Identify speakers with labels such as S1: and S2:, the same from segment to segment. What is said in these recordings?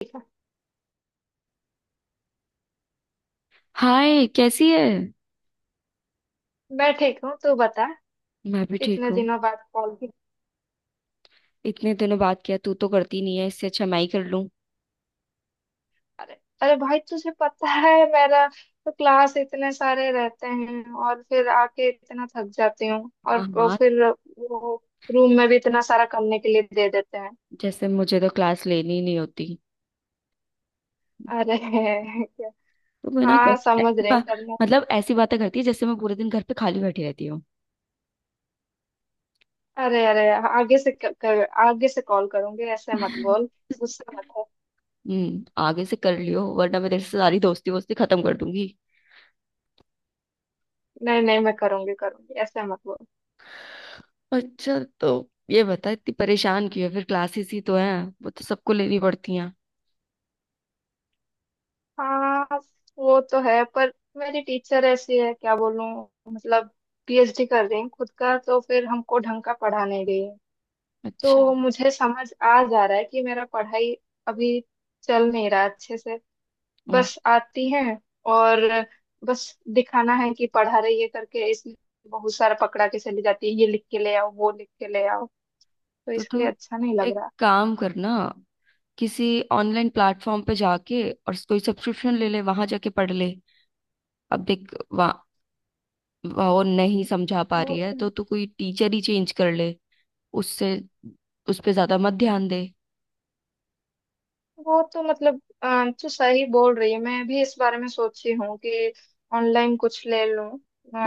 S1: ठीक है।
S2: हाय, कैसी है?
S1: मैं ठीक हूँ, तू बता।
S2: मैं भी ठीक
S1: इतने
S2: हूँ।
S1: दिनों बाद कॉल भी।
S2: इतने दिनों बात किया, तू तो करती नहीं है, इससे अच्छा मैं ही कर लूँ।
S1: बता रहे। अरे भाई, तुझे पता है मेरा तो क्लास इतने सारे रहते हैं और फिर आके इतना थक जाती हूँ। और
S2: हाँ,
S1: वो
S2: हाँ।
S1: फिर वो रूम में भी इतना सारा करने के लिए दे देते हैं।
S2: जैसे, मुझे तो क्लास लेनी ही नहीं होती।
S1: अरे क्या।
S2: तो वो ना
S1: हाँ समझ रही हूँ करना।
S2: मतलब ऐसी बातें करती है जैसे मैं पूरे दिन घर पे खाली बैठी रहती हूँ।
S1: अरे अरे, आगे से कर, आगे से कॉल करूंगी, ऐसे मत बोल। गुस्सा मत हो।
S2: आगे से कर लियो, वरना मैं तेरे से सारी दोस्ती वोस्ती खत्म कर दूंगी।
S1: नहीं नहीं मैं करूंगी करूंगी, ऐसे मत बोल।
S2: अच्छा। तो ये बता, इतनी परेशान क्यों है? फिर क्लासेस ही तो है, वो तो सबको लेनी पड़ती हैं।
S1: हाँ। वो तो है पर मेरी टीचर ऐसी है, क्या बोलूं। मतलब पीएचडी कर रही हैं खुद का, तो फिर हमको ढंग का पढ़ाने गई है।
S2: अच्छा।
S1: तो मुझे समझ आ जा रहा है कि मेरा पढ़ाई अभी चल नहीं रहा अच्छे से।
S2: हम्म,
S1: बस आती है और बस दिखाना है कि पढ़ा रही है करके, इसलिए बहुत सारा पकड़ा के चली जाती है, ये लिख के ले आओ, वो लिख के ले आओ। तो
S2: तो
S1: इसलिए
S2: तू
S1: अच्छा नहीं लग
S2: एक
S1: रहा।
S2: काम करना, किसी ऑनलाइन प्लेटफॉर्म पे जाके और कोई सब्सक्रिप्शन ले ले, वहां जाके पढ़ ले। अब देख, वहाँ वो नहीं समझा पा रही
S1: बहुत।
S2: है तो तू कोई टीचर ही चेंज कर ले। उससे, उस पे ज्यादा मत ध्यान दे।
S1: वो तो मतलब तो सही बोल रही है, मैं भी इस बारे में सोची हूँ कि ऑनलाइन कुछ ले लूं।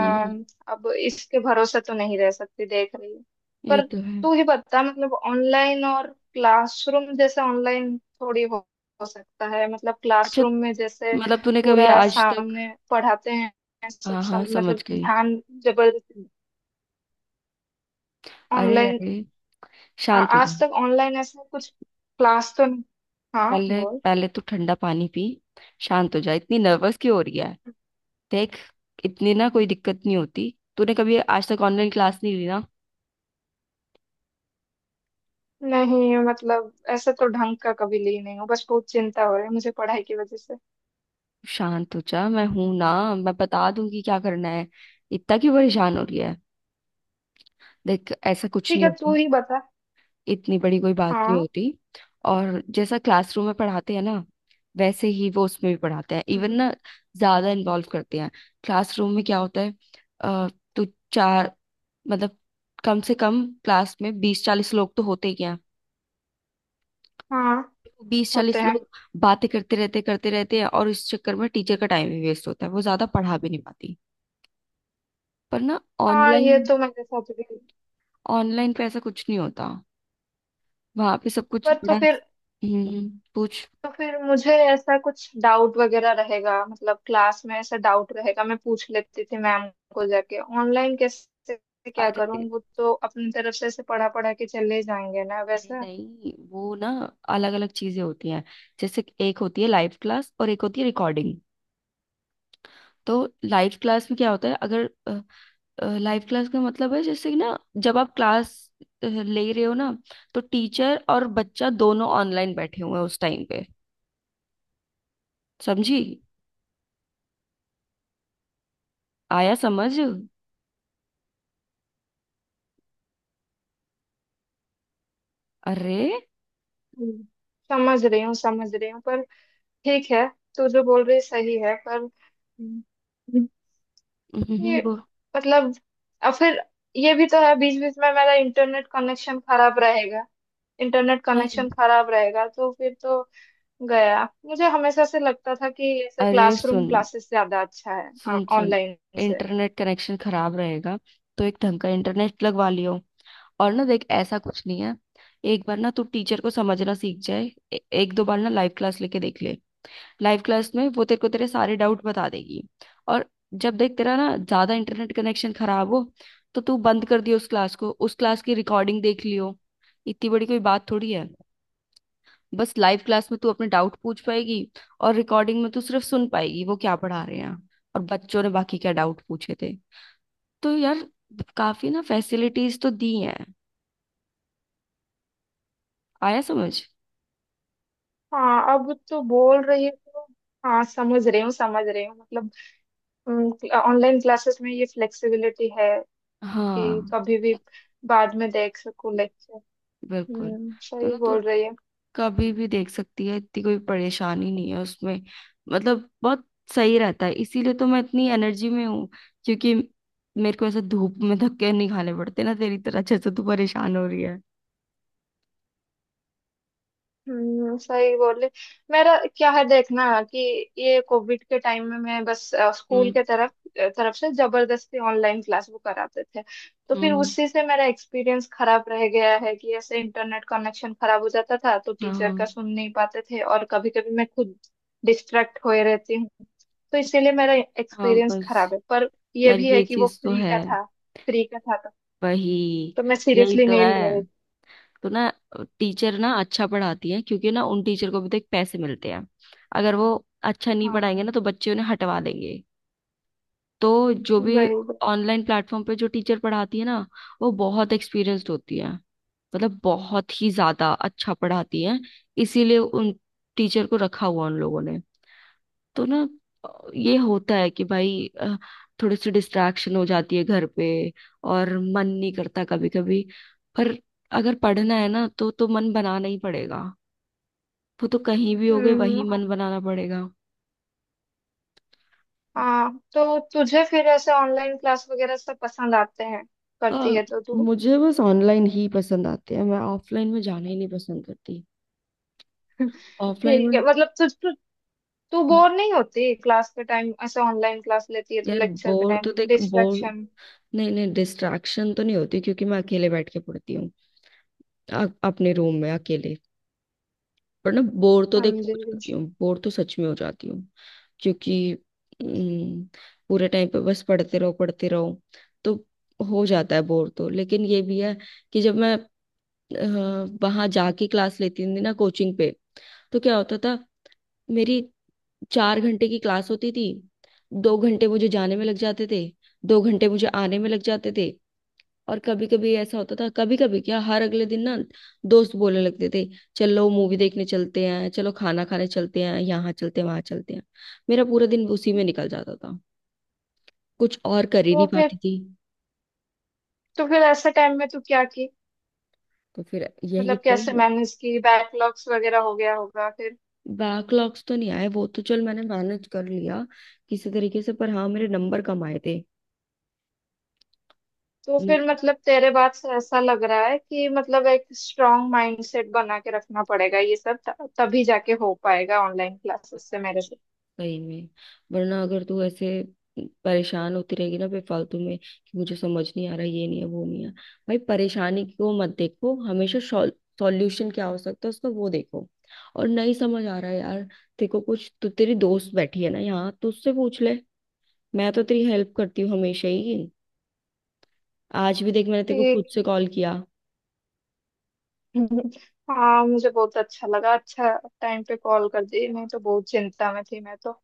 S2: हम्म
S1: अब इसके भरोसे तो नहीं रह सकती, देख रही हूँ।
S2: ये
S1: पर
S2: तो है।
S1: तू ही बता मतलब ऑनलाइन और क्लासरूम, जैसे ऑनलाइन थोड़ी हो सकता है मतलब
S2: अच्छा,
S1: क्लासरूम में जैसे
S2: मतलब तूने कभी
S1: पूरा
S2: आज तक।
S1: सामने पढ़ाते हैं। सब,
S2: हाँ, हाँ,
S1: सब मतलब
S2: समझ गई।
S1: ध्यान जबरदस्ती।
S2: अरे,
S1: ऑनलाइन
S2: अरे, शांत हो जा।
S1: आज तक ऑनलाइन ऐसा कुछ क्लास तो नहीं। हाँ
S2: पहले
S1: बोल।
S2: पहले तू ठंडा पानी पी, शांत हो जा। इतनी नर्वस क्यों हो रही है? देख, इतनी ना कोई दिक्कत नहीं होती। तूने कभी आज तक ऑनलाइन क्लास नहीं ली ना।
S1: नहीं मतलब ऐसे तो ढंग का कभी ली नहीं हूँ, बस बहुत चिंता हो रही है मुझे पढ़ाई की वजह से।
S2: शांत हो जा, मैं हूं ना, मैं बता दूंगी क्या करना है। इतना क्यों परेशान हो रही है? देख, ऐसा कुछ
S1: ठीक
S2: नहीं
S1: है तू
S2: होता।
S1: ही बता।
S2: इतनी बड़ी कोई बात नहीं
S1: हाँ।
S2: होती। और जैसा क्लासरूम में पढ़ाते हैं ना, वैसे ही वो उसमें भी पढ़ाते हैं, इवन
S1: हम्म।
S2: ना ज्यादा इन्वॉल्व करते हैं। क्लासरूम में क्या होता है? अ, तो चार, मतलब कम से कम क्लास में 20-40 लोग तो होते ही हैं।
S1: हाँ
S2: तो बीस
S1: होते
S2: चालीस
S1: हैं।
S2: लोग बातें करते रहते हैं, और इस चक्कर में टीचर का टाइम भी वेस्ट होता है, वो ज्यादा पढ़ा भी नहीं पाती। पर ना,
S1: हाँ
S2: ऑनलाइन
S1: ये तो मेरे साथ भी।
S2: ऑनलाइन पे ऐसा कुछ नहीं होता, वहां पे सब कुछ
S1: पर तो
S2: बड़ा।
S1: फिर,
S2: हम्म पूछ।
S1: तो फिर मुझे ऐसा कुछ डाउट वगैरह रहेगा मतलब, क्लास में ऐसा डाउट रहेगा मैं पूछ लेती थी मैम को जाके, ऑनलाइन कैसे क्या करूँ,
S2: अरे,
S1: वो तो अपनी तरफ से ऐसे पढ़ा पढ़ा के चले जाएंगे ना
S2: नहीं
S1: वैसा।
S2: नहीं, वो ना अलग अलग चीजें होती हैं। जैसे कि एक होती है लाइव क्लास और एक होती है रिकॉर्डिंग। तो लाइव क्लास में क्या होता है अगर। लाइव क्लास का मतलब है जैसे कि ना, जब आप क्लास ले रहे हो ना, तो टीचर और बच्चा दोनों ऑनलाइन बैठे हुए हैं उस टाइम पे। समझी? आया समझ? अरे,
S1: हम्म। समझ रही हूँ पर ठीक है, तू जो बोल रही सही है पर ये
S2: वो
S1: मतलब और फिर ये भी तो है, बीच बीच में मेरा इंटरनेट कनेक्शन खराब रहेगा। इंटरनेट
S2: नहीं।
S1: कनेक्शन खराब रहेगा तो फिर तो गया। मुझे हमेशा से लगता था कि ऐसे
S2: अरे,
S1: क्लासरूम
S2: सुन,
S1: क्लासेस ज्यादा अच्छा है
S2: सुन, सुन।
S1: ऑनलाइन से।
S2: इंटरनेट कनेक्शन खराब रहेगा तो एक ढंग का इंटरनेट लगवा लियो। और ना, देख, ऐसा कुछ नहीं है। एक बार ना तू टीचर को समझना सीख जाए, एक दो बार ना लाइव क्लास लेके देख ले। लाइव क्लास में वो तेरे को तेरे सारे डाउट बता देगी। और जब देख तेरा ना ज्यादा इंटरनेट कनेक्शन खराब हो तो तू बंद कर दियो उस क्लास को, उस क्लास की रिकॉर्डिंग देख लियो। इतनी बड़ी कोई बात थोड़ी है। बस लाइव क्लास में तू अपने डाउट पूछ पाएगी, और रिकॉर्डिंग में तू सिर्फ सुन पाएगी वो क्या पढ़ा रहे हैं और बच्चों ने बाकी क्या डाउट पूछे थे। तो यार, काफी ना फैसिलिटीज तो दी हैं। आया समझ?
S1: हाँ अब तो बोल रही है तो, हाँ समझ रही हूँ मतलब, ऑनलाइन क्लासेस में ये फ्लेक्सिबिलिटी है कि
S2: हाँ,
S1: कभी भी बाद में देख सकूँ।
S2: बिल्कुल। तो
S1: सही
S2: ना, तू
S1: बोल रही है।
S2: कभी भी देख सकती है, इतनी कोई परेशानी नहीं है उसमें। मतलब बहुत सही रहता है, इसीलिए तो मैं इतनी एनर्जी में हूँ, क्योंकि मेरे को ऐसे धूप में धक्के नहीं खाने पड़ते ना, तेरी तरह, जैसे तू परेशान हो रही है।
S1: सही बोल रही। मेरा क्या है, देखना कि ये कोविड के टाइम में मैं बस स्कूल
S2: हम्म,
S1: के तरफ तरफ से जबरदस्ती ऑनलाइन क्लास वो कराते थे। तो फिर
S2: हम्म,
S1: उसी से मेरा एक्सपीरियंस खराब रह गया है कि ऐसे इंटरनेट कनेक्शन खराब हो जाता था तो
S2: हाँ,
S1: टीचर
S2: हाँ।
S1: का सुन नहीं पाते थे, और कभी कभी मैं खुद डिस्ट्रैक्ट होए रहती हूँ। तो इसीलिए मेरा
S2: हाँ,
S1: एक्सपीरियंस
S2: बस।
S1: खराब है पर ये
S2: यार,
S1: भी है
S2: ये
S1: कि वो
S2: चीज तो
S1: फ्री
S2: है।
S1: का था। फ्री का था
S2: वही।
S1: तो मैं
S2: यही
S1: सीरियसली
S2: तो
S1: नहीं
S2: है।
S1: ले रही थी।
S2: तो ना, टीचर ना अच्छा पढ़ाती है, क्योंकि ना उन टीचर को भी तो एक पैसे मिलते हैं। अगर वो अच्छा नहीं पढ़ाएंगे
S1: हाँ।
S2: ना, तो बच्चे उन्हें हटवा देंगे। तो जो भी
S1: वही वही।
S2: ऑनलाइन प्लेटफॉर्म पे जो टीचर पढ़ाती है ना, वो बहुत एक्सपीरियंस्ड होती है, मतलब बहुत ही ज्यादा अच्छा पढ़ाती है। इसीलिए उन टीचर को रखा हुआ उन लोगों ने। तो ना अ, ये होता है कि भाई थोड़ी सी डिस्ट्रैक्शन हो जाती है घर पे, और मन नहीं करता कभी कभी। पर अगर पढ़ना है ना तो मन बनाना ही पड़ेगा। वो तो कहीं भी हो गए वहीं
S1: हाँ।
S2: मन बनाना पड़ेगा।
S1: हाँ, तो तुझे फिर ऐसे ऑनलाइन क्लास वगैरह सब पसंद आते हैं?
S2: आ,
S1: करती है तो तू?
S2: मुझे बस ऑनलाइन ही पसंद आते हैं, मैं ऑफलाइन में जाना ही नहीं पसंद करती। ऑफलाइन
S1: ठीक है
S2: में।
S1: मतलब तू
S2: हम्म।
S1: बोर नहीं होती क्लास के टाइम? ऐसे ऑनलाइन क्लास लेती है तो
S2: यार,
S1: लेक्चर के
S2: बोर तो
S1: टाइम
S2: देख, बोर।
S1: डिस्ट्रैक्शन?
S2: नहीं नहीं, डिस्ट्रैक्शन तो नहीं होती, क्योंकि मैं अकेले बैठ के पढ़ती हूँ, अपने रूम में अकेले। पर ना, बोर तो देखो
S1: समझे।
S2: हो जाती हूँ, बोर तो सच में हो जाती हूँ, क्योंकि हम्म, पूरे टाइम पे बस पढ़ते रहो पढ़ते रहो। तो हो जाता है बोर तो, लेकिन ये भी है कि जब मैं वहां जाके क्लास लेती थी ना, कोचिंग पे, तो क्या होता था? मेरी 4 घंटे की क्लास होती थी, 2 घंटे मुझे जाने में लग जाते थे, 2 घंटे मुझे आने में लग जाते थे। और कभी कभी ऐसा होता था, कभी कभी क्या, हर अगले दिन ना दोस्त बोलने लगते थे, चलो मूवी देखने चलते हैं, चलो खाना खाने चलते हैं, यहाँ चलते हैं, वहां चलते हैं। मेरा पूरा दिन उसी में निकल जाता था, कुछ और कर ही नहीं
S1: तो
S2: पाती
S1: फिर,
S2: थी।
S1: तो फिर ऐसे टाइम में तू क्या की?
S2: तो फिर यही
S1: मतलब
S2: तो।
S1: कैसे मैनेज की, बैकलॉग्स वगैरह हो गया होगा फिर?
S2: बैकलॉग्स तो नहीं आए, वो तो चल मैंने मैनेज कर लिया किसी तरीके से, पर हाँ, मेरे नंबर कम आए थे।
S1: तो फिर मतलब तेरे बात से ऐसा लग रहा है कि मतलब एक स्ट्रांग माइंडसेट बना के रखना पड़ेगा ये सब, तभी जाके हो पाएगा ऑनलाइन क्लासेस से मेरे से।
S2: सही में, वरना अगर तू ऐसे परेशान होती रहेगी ना बेफालतू में, कि मुझे समझ नहीं आ रहा, ये नहीं है, वो नहीं है। भाई, परेशानी को मत देखो हमेशा, सॉल्यूशन क्या हो सकता है उसका, वो देखो। और नहीं समझ आ रहा है यार, देखो, कुछ तो तेरी दोस्त बैठी है ना यहाँ, तो उससे पूछ ले। मैं तो तेरी हेल्प करती हूँ हमेशा ही, आज भी देख, मैंने तेरे को खुद
S1: ठीक।
S2: से कॉल किया।
S1: हाँ मुझे बहुत अच्छा लगा, अच्छा टाइम पे कॉल कर दी नहीं तो बहुत चिंता में थी मैं तो।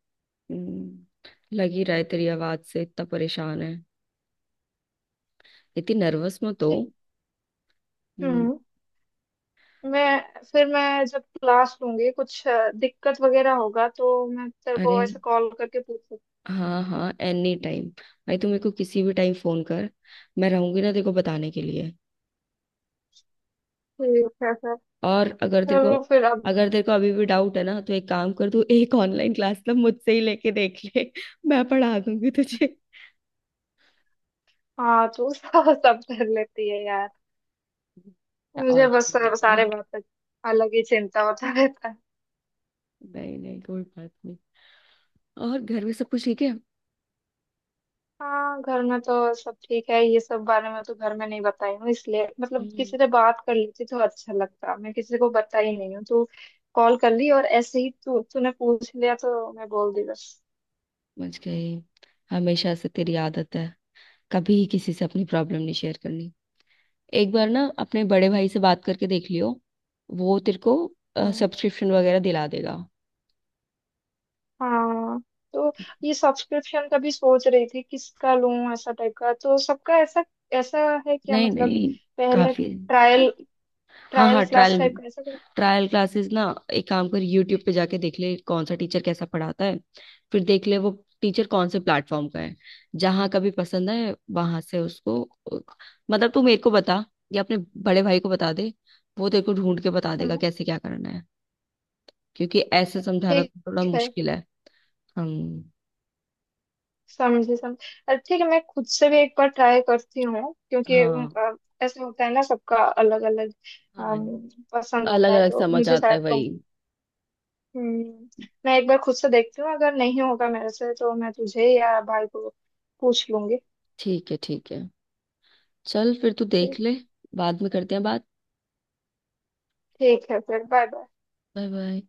S2: हम्म, लग ही रहा है तेरी आवाज से इतना परेशान है। इतनी नर्वस मत हो।
S1: ठीक।
S2: हम्म,
S1: हम्म। मैं फिर, मैं जब क्लास लूंगी कुछ दिक्कत वगैरह होगा तो मैं तेरे
S2: अरे,
S1: को ऐसे कॉल करके पूछ सकती
S2: हाँ हाँ, एनी टाइम। भाई, तू मेरे को किसी भी टाइम फोन कर, मैं रहूंगी ना तेरे को बताने के लिए।
S1: हूँ। ठीक है सर।
S2: और अगर तेरे को
S1: चलो फिर अब।
S2: अगर तेरे को अभी भी डाउट है ना, तो एक काम कर, तू एक ऑनलाइन क्लास ना मुझसे ही लेके देख ले मैं पढ़ा दूंगी तुझे।
S1: हाँ तू सब सब कर लेती है यार।
S2: या
S1: मुझे
S2: और।
S1: बस सारे
S2: ना,
S1: सारे बात तक अलग ही चिंता होता रहता है।
S2: नहीं नहीं कोई बात नहीं। और घर में सब कुछ ठीक है?
S1: हाँ घर में तो सब ठीक है, ये सब बारे में तो घर में नहीं बताई हूँ इसलिए, मतलब
S2: हम्म,
S1: किसी से बात कर लेती तो अच्छा लगता, मैं किसी को बताई नहीं हूँ, तू कॉल कर ली और ऐसे ही तू तूने पूछ लिया तो मैं बोल दी बस।
S2: समझ गई। हमेशा से तेरी आदत है कभी किसी से अपनी प्रॉब्लम नहीं शेयर करनी। एक बार ना अपने बड़े भाई से बात करके देख लियो, वो तेरे को
S1: हाँ
S2: सब्सक्रिप्शन वगैरह दिला देगा।
S1: हाँ तो ये सब्सक्रिप्शन का भी सोच रही थी किसका लूं, ऐसा टाइप का तो सबका ऐसा ऐसा है क्या
S2: नहीं
S1: मतलब,
S2: नहीं,
S1: पहले
S2: काफी है।
S1: ट्रायल,
S2: हाँ
S1: ट्रायल
S2: हाँ,
S1: क्लास
S2: ट्रायल,
S1: टाइप का ऐसा कुछ?
S2: ट्रायल क्लासेस ना। एक काम कर, यूट्यूब पे जाके देख ले कौन सा टीचर कैसा पढ़ाता है, फिर देख ले वो टीचर कौन से प्लेटफॉर्म का है, जहाँ का भी पसंद है वहां से उसको। मतलब तू मेरे को बता या अपने बड़े भाई को बता दे, वो तेरे को ढूंढ के बता देगा
S1: हाँ
S2: कैसे क्या करना है, क्योंकि ऐसे समझाना
S1: ठीक
S2: तो थोड़ा
S1: है।
S2: मुश्किल है। हम।
S1: समझे समझ। अरे ठीक है मैं खुद से भी एक बार ट्राई करती हूँ क्योंकि
S2: हाँ
S1: ऐसा होता है ना सबका, अलग अलग
S2: हाँ।
S1: पसंद
S2: अलग
S1: आता है
S2: अलग
S1: तो
S2: समझ
S1: मुझे
S2: आता है
S1: शायद कौन।
S2: वही।
S1: हम्म। मैं एक बार खुद से देखती हूँ, अगर नहीं होगा मेरे से तो मैं तुझे या भाई को पूछ लूंगी।
S2: ठीक है, ठीक है। चल फिर, तू
S1: ठीक।
S2: देख ले। बाद में करते हैं बात।
S1: ठीक है फिर, बाय बाय।
S2: Bye, bye.